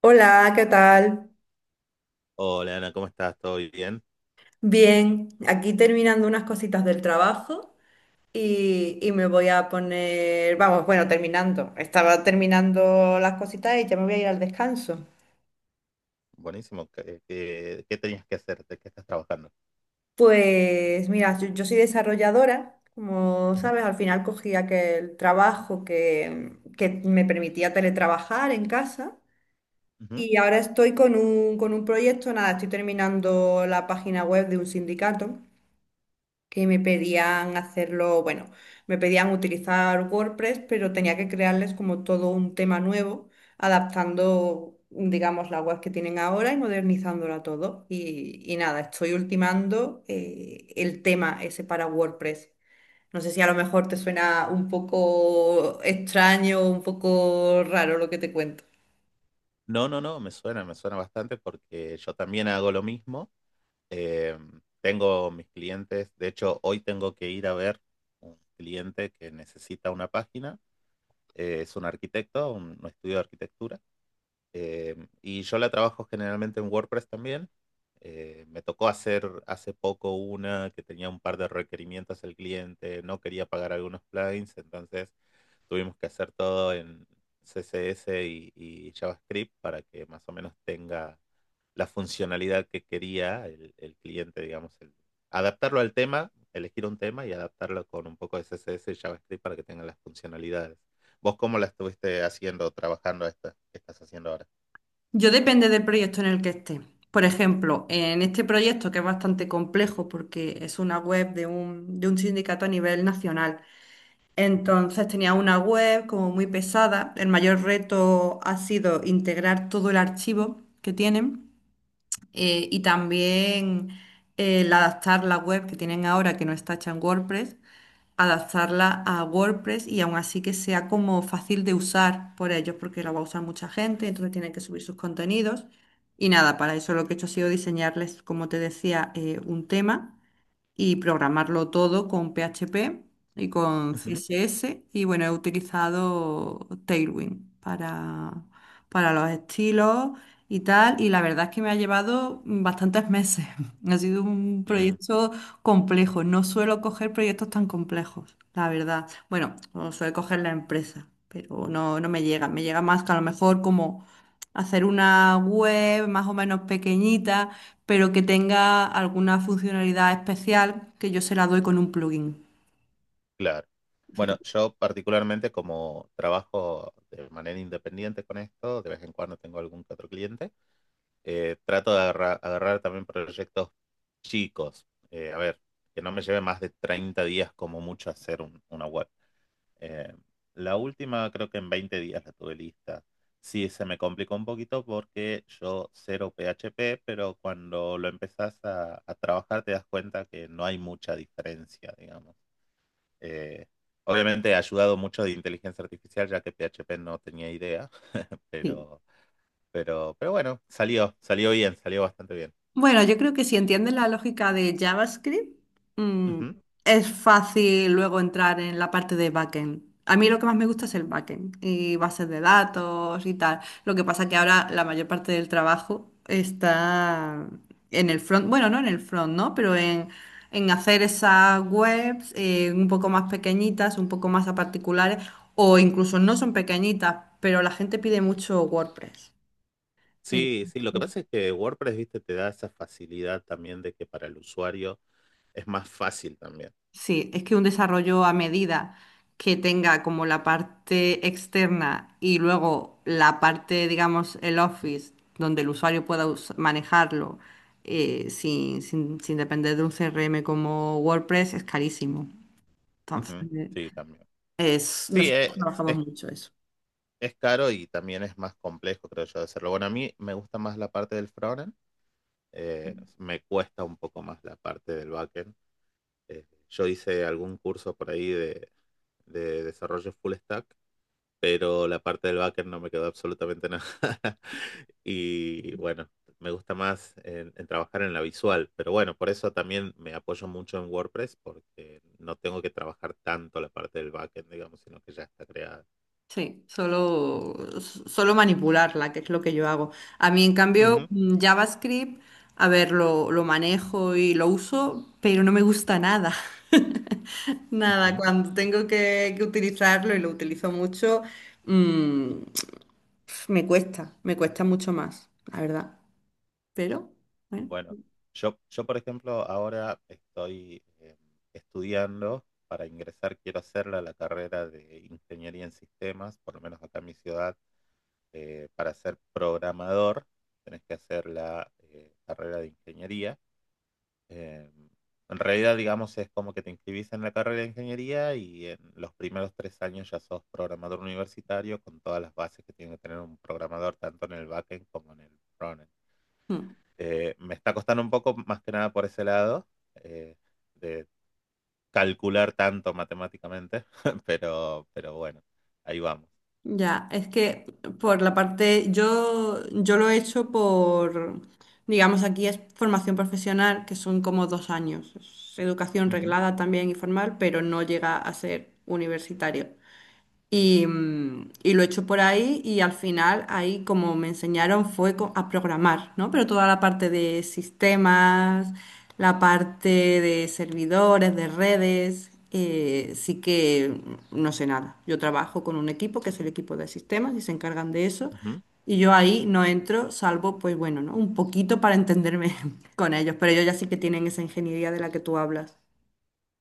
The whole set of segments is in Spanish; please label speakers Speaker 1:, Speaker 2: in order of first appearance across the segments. Speaker 1: Hola, ¿qué tal?
Speaker 2: Hola Ana, ¿cómo estás? ¿Todo bien?
Speaker 1: Bien, aquí terminando unas cositas del trabajo y me voy a poner, vamos, bueno, terminando. Estaba terminando las cositas y ya me voy a ir al descanso.
Speaker 2: Buenísimo. ¿Qué tenías que hacer? ¿De qué estás trabajando?
Speaker 1: Pues mira, yo soy desarrolladora, como
Speaker 2: Ujú,
Speaker 1: sabes, al final cogí aquel trabajo que me permitía teletrabajar en casa.
Speaker 2: ujú.
Speaker 1: Y ahora estoy con un proyecto, nada, estoy terminando la página web de un sindicato que me pedían hacerlo, bueno, me pedían utilizar WordPress, pero tenía que crearles como todo un tema nuevo, adaptando, digamos, la web que tienen ahora y modernizándola todo. Y nada, estoy ultimando el tema ese para WordPress. No sé si a lo mejor te suena un poco extraño, un poco raro lo que te cuento.
Speaker 2: No, no, no, me suena bastante porque yo también hago lo mismo. Eh, tengo mis clientes, de hecho hoy tengo que ir a ver un cliente que necesita una página. Es un arquitecto, un estudio de arquitectura. Eh, y yo la trabajo generalmente en WordPress también. Me tocó hacer hace poco una que tenía un par de requerimientos el cliente, no quería pagar algunos plugins, entonces tuvimos que hacer todo en CSS y JavaScript para que más o menos tenga la funcionalidad que quería el cliente, digamos, adaptarlo al tema, elegir un tema y adaptarlo con un poco de CSS y JavaScript para que tengan las funcionalidades. ¿Vos cómo la estuviste haciendo, trabajando esta? ¿Qué estás haciendo ahora?
Speaker 1: Yo depende del proyecto en el que esté. Por ejemplo, en este proyecto que es bastante complejo porque es una web de un sindicato a nivel nacional.
Speaker 2: Ujú,
Speaker 1: Entonces tenía una web como muy pesada. El mayor reto ha sido integrar todo el archivo que tienen, y también el adaptar la web que tienen ahora que no está hecha en WordPress, adaptarla a WordPress y aún así que sea como fácil de usar por ellos, porque la va a usar mucha gente, entonces tienen que subir sus contenidos. Y nada, para eso lo que he hecho ha sido diseñarles, como te decía, un tema y programarlo todo con PHP y con
Speaker 2: ujú.
Speaker 1: CSS. Y bueno, he utilizado Tailwind para los estilos y tal. Y la verdad es que me ha llevado bastantes meses. Ha sido un
Speaker 2: Mm,
Speaker 1: proyecto complejo. No suelo coger proyectos tan complejos, la verdad. Bueno, lo suele coger la empresa, pero no, no me llega. Me llega más que a lo mejor como hacer una web más o menos pequeñita, pero que tenga alguna funcionalidad especial que yo se la doy con un plugin.
Speaker 2: claro.
Speaker 1: Así
Speaker 2: Bueno,
Speaker 1: como...
Speaker 2: yo particularmente como trabajo de manera independiente con esto, de vez en cuando tengo algún que otro cliente, trato de agarrar, también proyectos chicos. A ver, que no me lleve más de 30 días como mucho hacer una web. Eh, la última creo que en 20 días la tuve lista. Sí, se me complicó un poquito porque yo cero PHP, pero cuando lo empezás a trabajar te das cuenta que no hay mucha diferencia, digamos. Eh, obviamente ha ayudado mucho de inteligencia artificial, ya que PHP no tenía idea.
Speaker 1: Sí.
Speaker 2: pero, pero bueno, salió bien, salió bastante bien.
Speaker 1: Bueno, yo creo que si entiendes la lógica de JavaScript, mm,
Speaker 2: Ujú.
Speaker 1: es fácil luego entrar en la parte de backend. A mí lo que más me gusta es el backend y bases de datos y tal. Lo que pasa que ahora la mayor parte del trabajo está en el front, bueno, no en el front, ¿no? Pero en hacer esas webs un poco más pequeñitas, un poco más a particulares, o incluso no son pequeñitas, pero la gente pide mucho WordPress.
Speaker 2: Sí, sí, lo que
Speaker 1: Entonces,
Speaker 2: pasa es que WordPress, viste, te da esa facilidad también de que para el usuario es más fácil también.
Speaker 1: sí, es que un desarrollo a medida que tenga como la parte externa y luego la parte, digamos, el office, donde el usuario pueda manejarlo, sin depender de un CRM como WordPress, es carísimo. Entonces,
Speaker 2: Ujú. Sí, también.
Speaker 1: es,
Speaker 2: Sí,
Speaker 1: nosotros
Speaker 2: es,
Speaker 1: trabajamos
Speaker 2: es,
Speaker 1: mucho eso.
Speaker 2: es caro y también es más complejo, creo yo, de hacerlo. Bueno, a mí me gusta más la parte del frontend, me cuesta un poco más la parte del backend. Yo hice algún curso por ahí de desarrollo full stack, pero la parte del backend no me quedó absolutamente nada. Y bueno, me gusta más en trabajar en la visual, pero bueno, por eso también me apoyo mucho en WordPress porque no tengo que trabajar tanto la parte del backend, digamos, sino que ya está creada.
Speaker 1: Sí, solo, solo manipularla, que es lo que yo hago. A mí, en cambio,
Speaker 2: Ujú.
Speaker 1: JavaScript, a ver, lo manejo y lo uso, pero no me gusta nada. Nada,
Speaker 2: Ujú.
Speaker 1: cuando tengo que utilizarlo y lo utilizo mucho, mm, me cuesta mucho más, la verdad. Pero bueno.
Speaker 2: Bueno, yo por ejemplo ahora estoy estudiando para ingresar, quiero hacer la carrera de ingeniería en sistemas, por lo menos acá en mi ciudad, para ser programador tenés que hacer la carrera de ingeniería. Eh, en realidad, digamos, es como que te inscribís en la carrera de ingeniería y en los primeros 3 años ya sos programador universitario con todas las bases que tiene que tener un programador tanto en el backend como en el frontend.
Speaker 1: mm.
Speaker 2: Me está costando un poco más que nada por ese lado, eh, de calcular tanto matemáticamente. Pero bueno, ahí vamos.
Speaker 1: Ya, es que por la parte, yo lo he hecho por, digamos, aquí es formación profesional, que son como 2 años. Es educación
Speaker 2: Ujú,
Speaker 1: reglada también y formal, pero no llega a ser universitario. Y, y lo he hecho por ahí y al final ahí como me enseñaron fue a programar, ¿no? Pero toda la parte de sistemas, la parte de servidores, de redes, sí que no sé nada. Yo trabajo con un equipo que es el equipo de sistemas y se encargan de eso.
Speaker 2: ujú.
Speaker 1: Y yo ahí no entro, salvo, pues bueno, ¿no? Un poquito para entenderme con ellos, pero ellos ya sí que tienen esa ingeniería de la que tú hablas.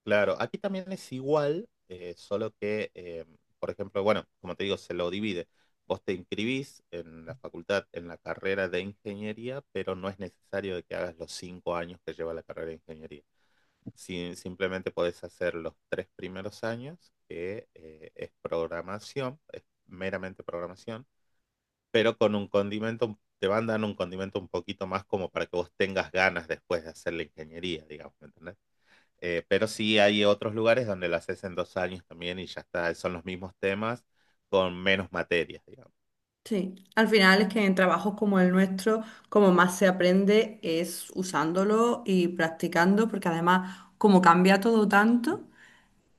Speaker 2: Claro, aquí también es igual, solo que, por ejemplo, bueno, como te digo, se lo divide. Vos te inscribís en la facultad, en la carrera de ingeniería, pero no es necesario de que hagas los 5 años que lleva la carrera de ingeniería. Si simplemente podés hacer los 3 primeros años, que es programación, es meramente programación, pero con un condimento, te van dando un condimento un poquito más como para que vos tengas ganas después de hacer la ingeniería, digamos, ¿me entendés? Pero sí hay otros lugares donde lo haces en 2 años también y ya está, son los mismos temas con menos materias, digamos.
Speaker 1: Sí, al final es que en trabajos como el nuestro, como más se aprende es usándolo y practicando, porque además como cambia todo tanto,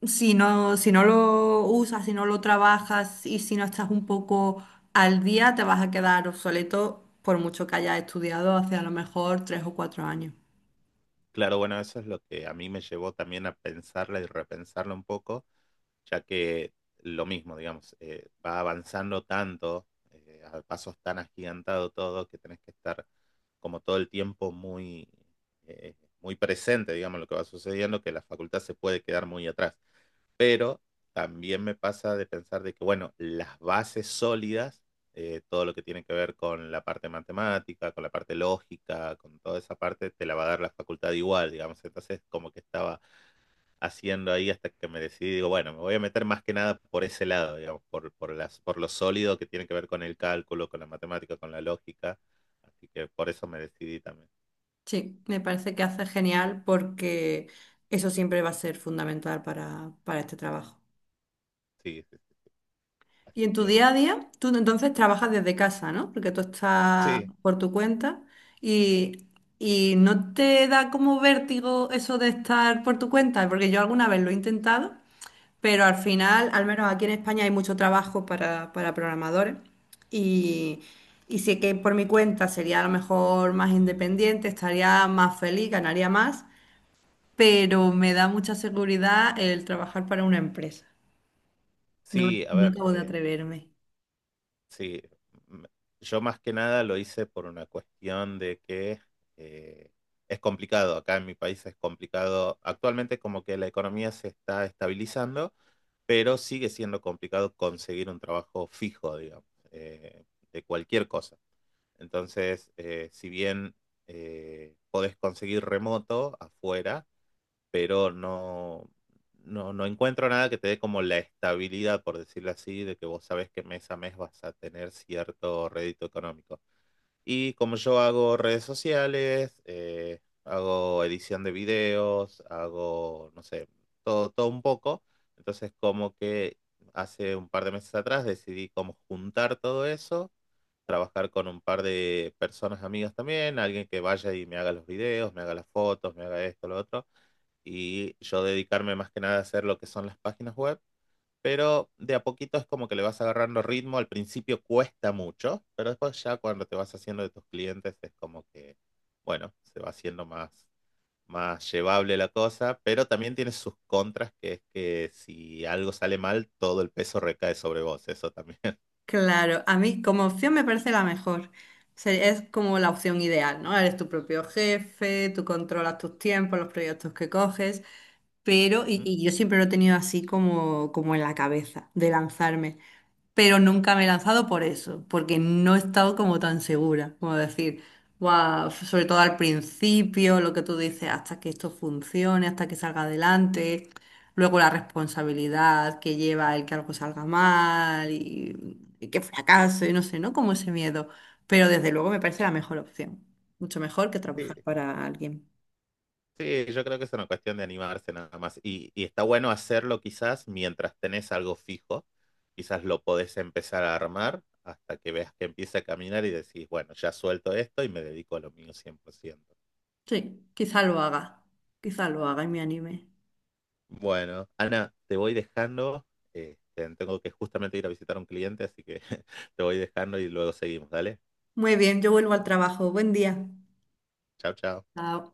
Speaker 1: si no, si no lo usas, si no lo trabajas y si no estás un poco al día, te vas a quedar obsoleto por mucho que hayas estudiado hace a lo mejor 3 o 4 años.
Speaker 2: Claro, bueno, eso es lo que a mí me llevó también a pensarla y repensarla un poco ya que lo mismo, digamos, va avanzando tanto, a pasos tan agigantados todo, que tenés que estar como todo el tiempo muy, eh, muy presente, digamos, lo que va sucediendo, que la facultad se puede quedar muy atrás. Pero también me pasa de pensar de que, bueno, las bases sólidas, todo lo que tiene que ver con la parte matemática, con la parte lógica, con toda esa parte, te la va a dar la facultad igual, digamos. Entonces, como que estaba haciendo ahí hasta que me decidí, digo, bueno, me voy a meter más que nada por ese lado, digamos, por lo sólido que tiene que ver con el cálculo, con la matemática, con la lógica. Así que por eso me decidí también.
Speaker 1: Sí, me parece que hace genial porque eso siempre va a ser fundamental para este trabajo.
Speaker 2: Sí, sí, sí.
Speaker 1: Y
Speaker 2: Así
Speaker 1: en tu día a
Speaker 2: que
Speaker 1: día, tú entonces trabajas desde casa, ¿no? Porque tú estás
Speaker 2: sí,
Speaker 1: por tu cuenta y, y no te da como vértigo eso de estar por tu cuenta, porque yo alguna vez lo he intentado, pero al final, al menos aquí en España hay mucho trabajo para programadores y, y sé que por mi cuenta sería a lo mejor más independiente, estaría más feliz, ganaría más, pero me da mucha seguridad el trabajar para una empresa. No,
Speaker 2: sí, a
Speaker 1: no
Speaker 2: ver,
Speaker 1: acabo de atreverme.
Speaker 2: sí, m- yo más que nada lo hice por una cuestión de que eh, es complicado, acá en mi país es complicado, actualmente como que la economía se está estabilizando, pero sigue siendo complicado conseguir un trabajo fijo, digamos, eh, de cualquier cosa. Entonces, si bien podés conseguir remoto afuera, pero no, no encuentro nada que te dé como la estabilidad, por decirlo así, de que vos sabes que mes a mes vas a tener cierto rédito económico. Y como yo hago redes sociales, hago edición de videos, hago, no sé, todo, todo un poco, entonces como que hace un par de meses atrás decidí como juntar todo eso trabajar con un par de personas amigas también, alguien que vaya y me haga los videos, me haga las fotos, me haga esto, lo otro, y yo dedicarme más que nada a hacer lo que son las páginas web. Pero de a poquito es como que le vas agarrando ritmo. Al principio cuesta mucho, pero después ya cuando te vas haciendo de tus clientes es como que, bueno, se va haciendo más, más llevable la cosa. Pero también tiene sus contras, que es que si algo sale mal, todo el peso recae sobre vos. Eso también.
Speaker 1: Claro, a mí como opción me parece la mejor. O es como la opción ideal, ¿no? Eres tu propio jefe, tú controlas tus tiempos, los proyectos que coges, pero,
Speaker 2: Ujú.
Speaker 1: y yo siempre lo he tenido así como, como en la cabeza, de lanzarme, pero nunca me he lanzado por eso, porque no he estado como tan segura, como decir, "Guau", sobre todo al principio, lo que tú dices, hasta que esto funcione, hasta que salga adelante, luego la responsabilidad que lleva el que algo salga mal y que fracaso y no sé, ¿no? Como ese miedo, pero desde luego me parece la mejor opción, mucho mejor que
Speaker 2: Sí,
Speaker 1: trabajar para alguien.
Speaker 2: sí, yo creo que es una cuestión de animarse nada más. Y está bueno hacerlo quizás mientras tenés algo fijo. Quizás lo podés empezar a armar hasta que veas que empieza a caminar y decís, bueno, ya suelto esto y me dedico a lo mío 100%.
Speaker 1: Sí, quizá lo haga y me anime.
Speaker 2: Bueno, Ana, te voy dejando. Tengo que justamente ir a visitar a un cliente, así que te voy dejando y luego seguimos. Dale.
Speaker 1: Muy bien, yo vuelvo al trabajo, buen día.
Speaker 2: Chao, chao.
Speaker 1: Chao.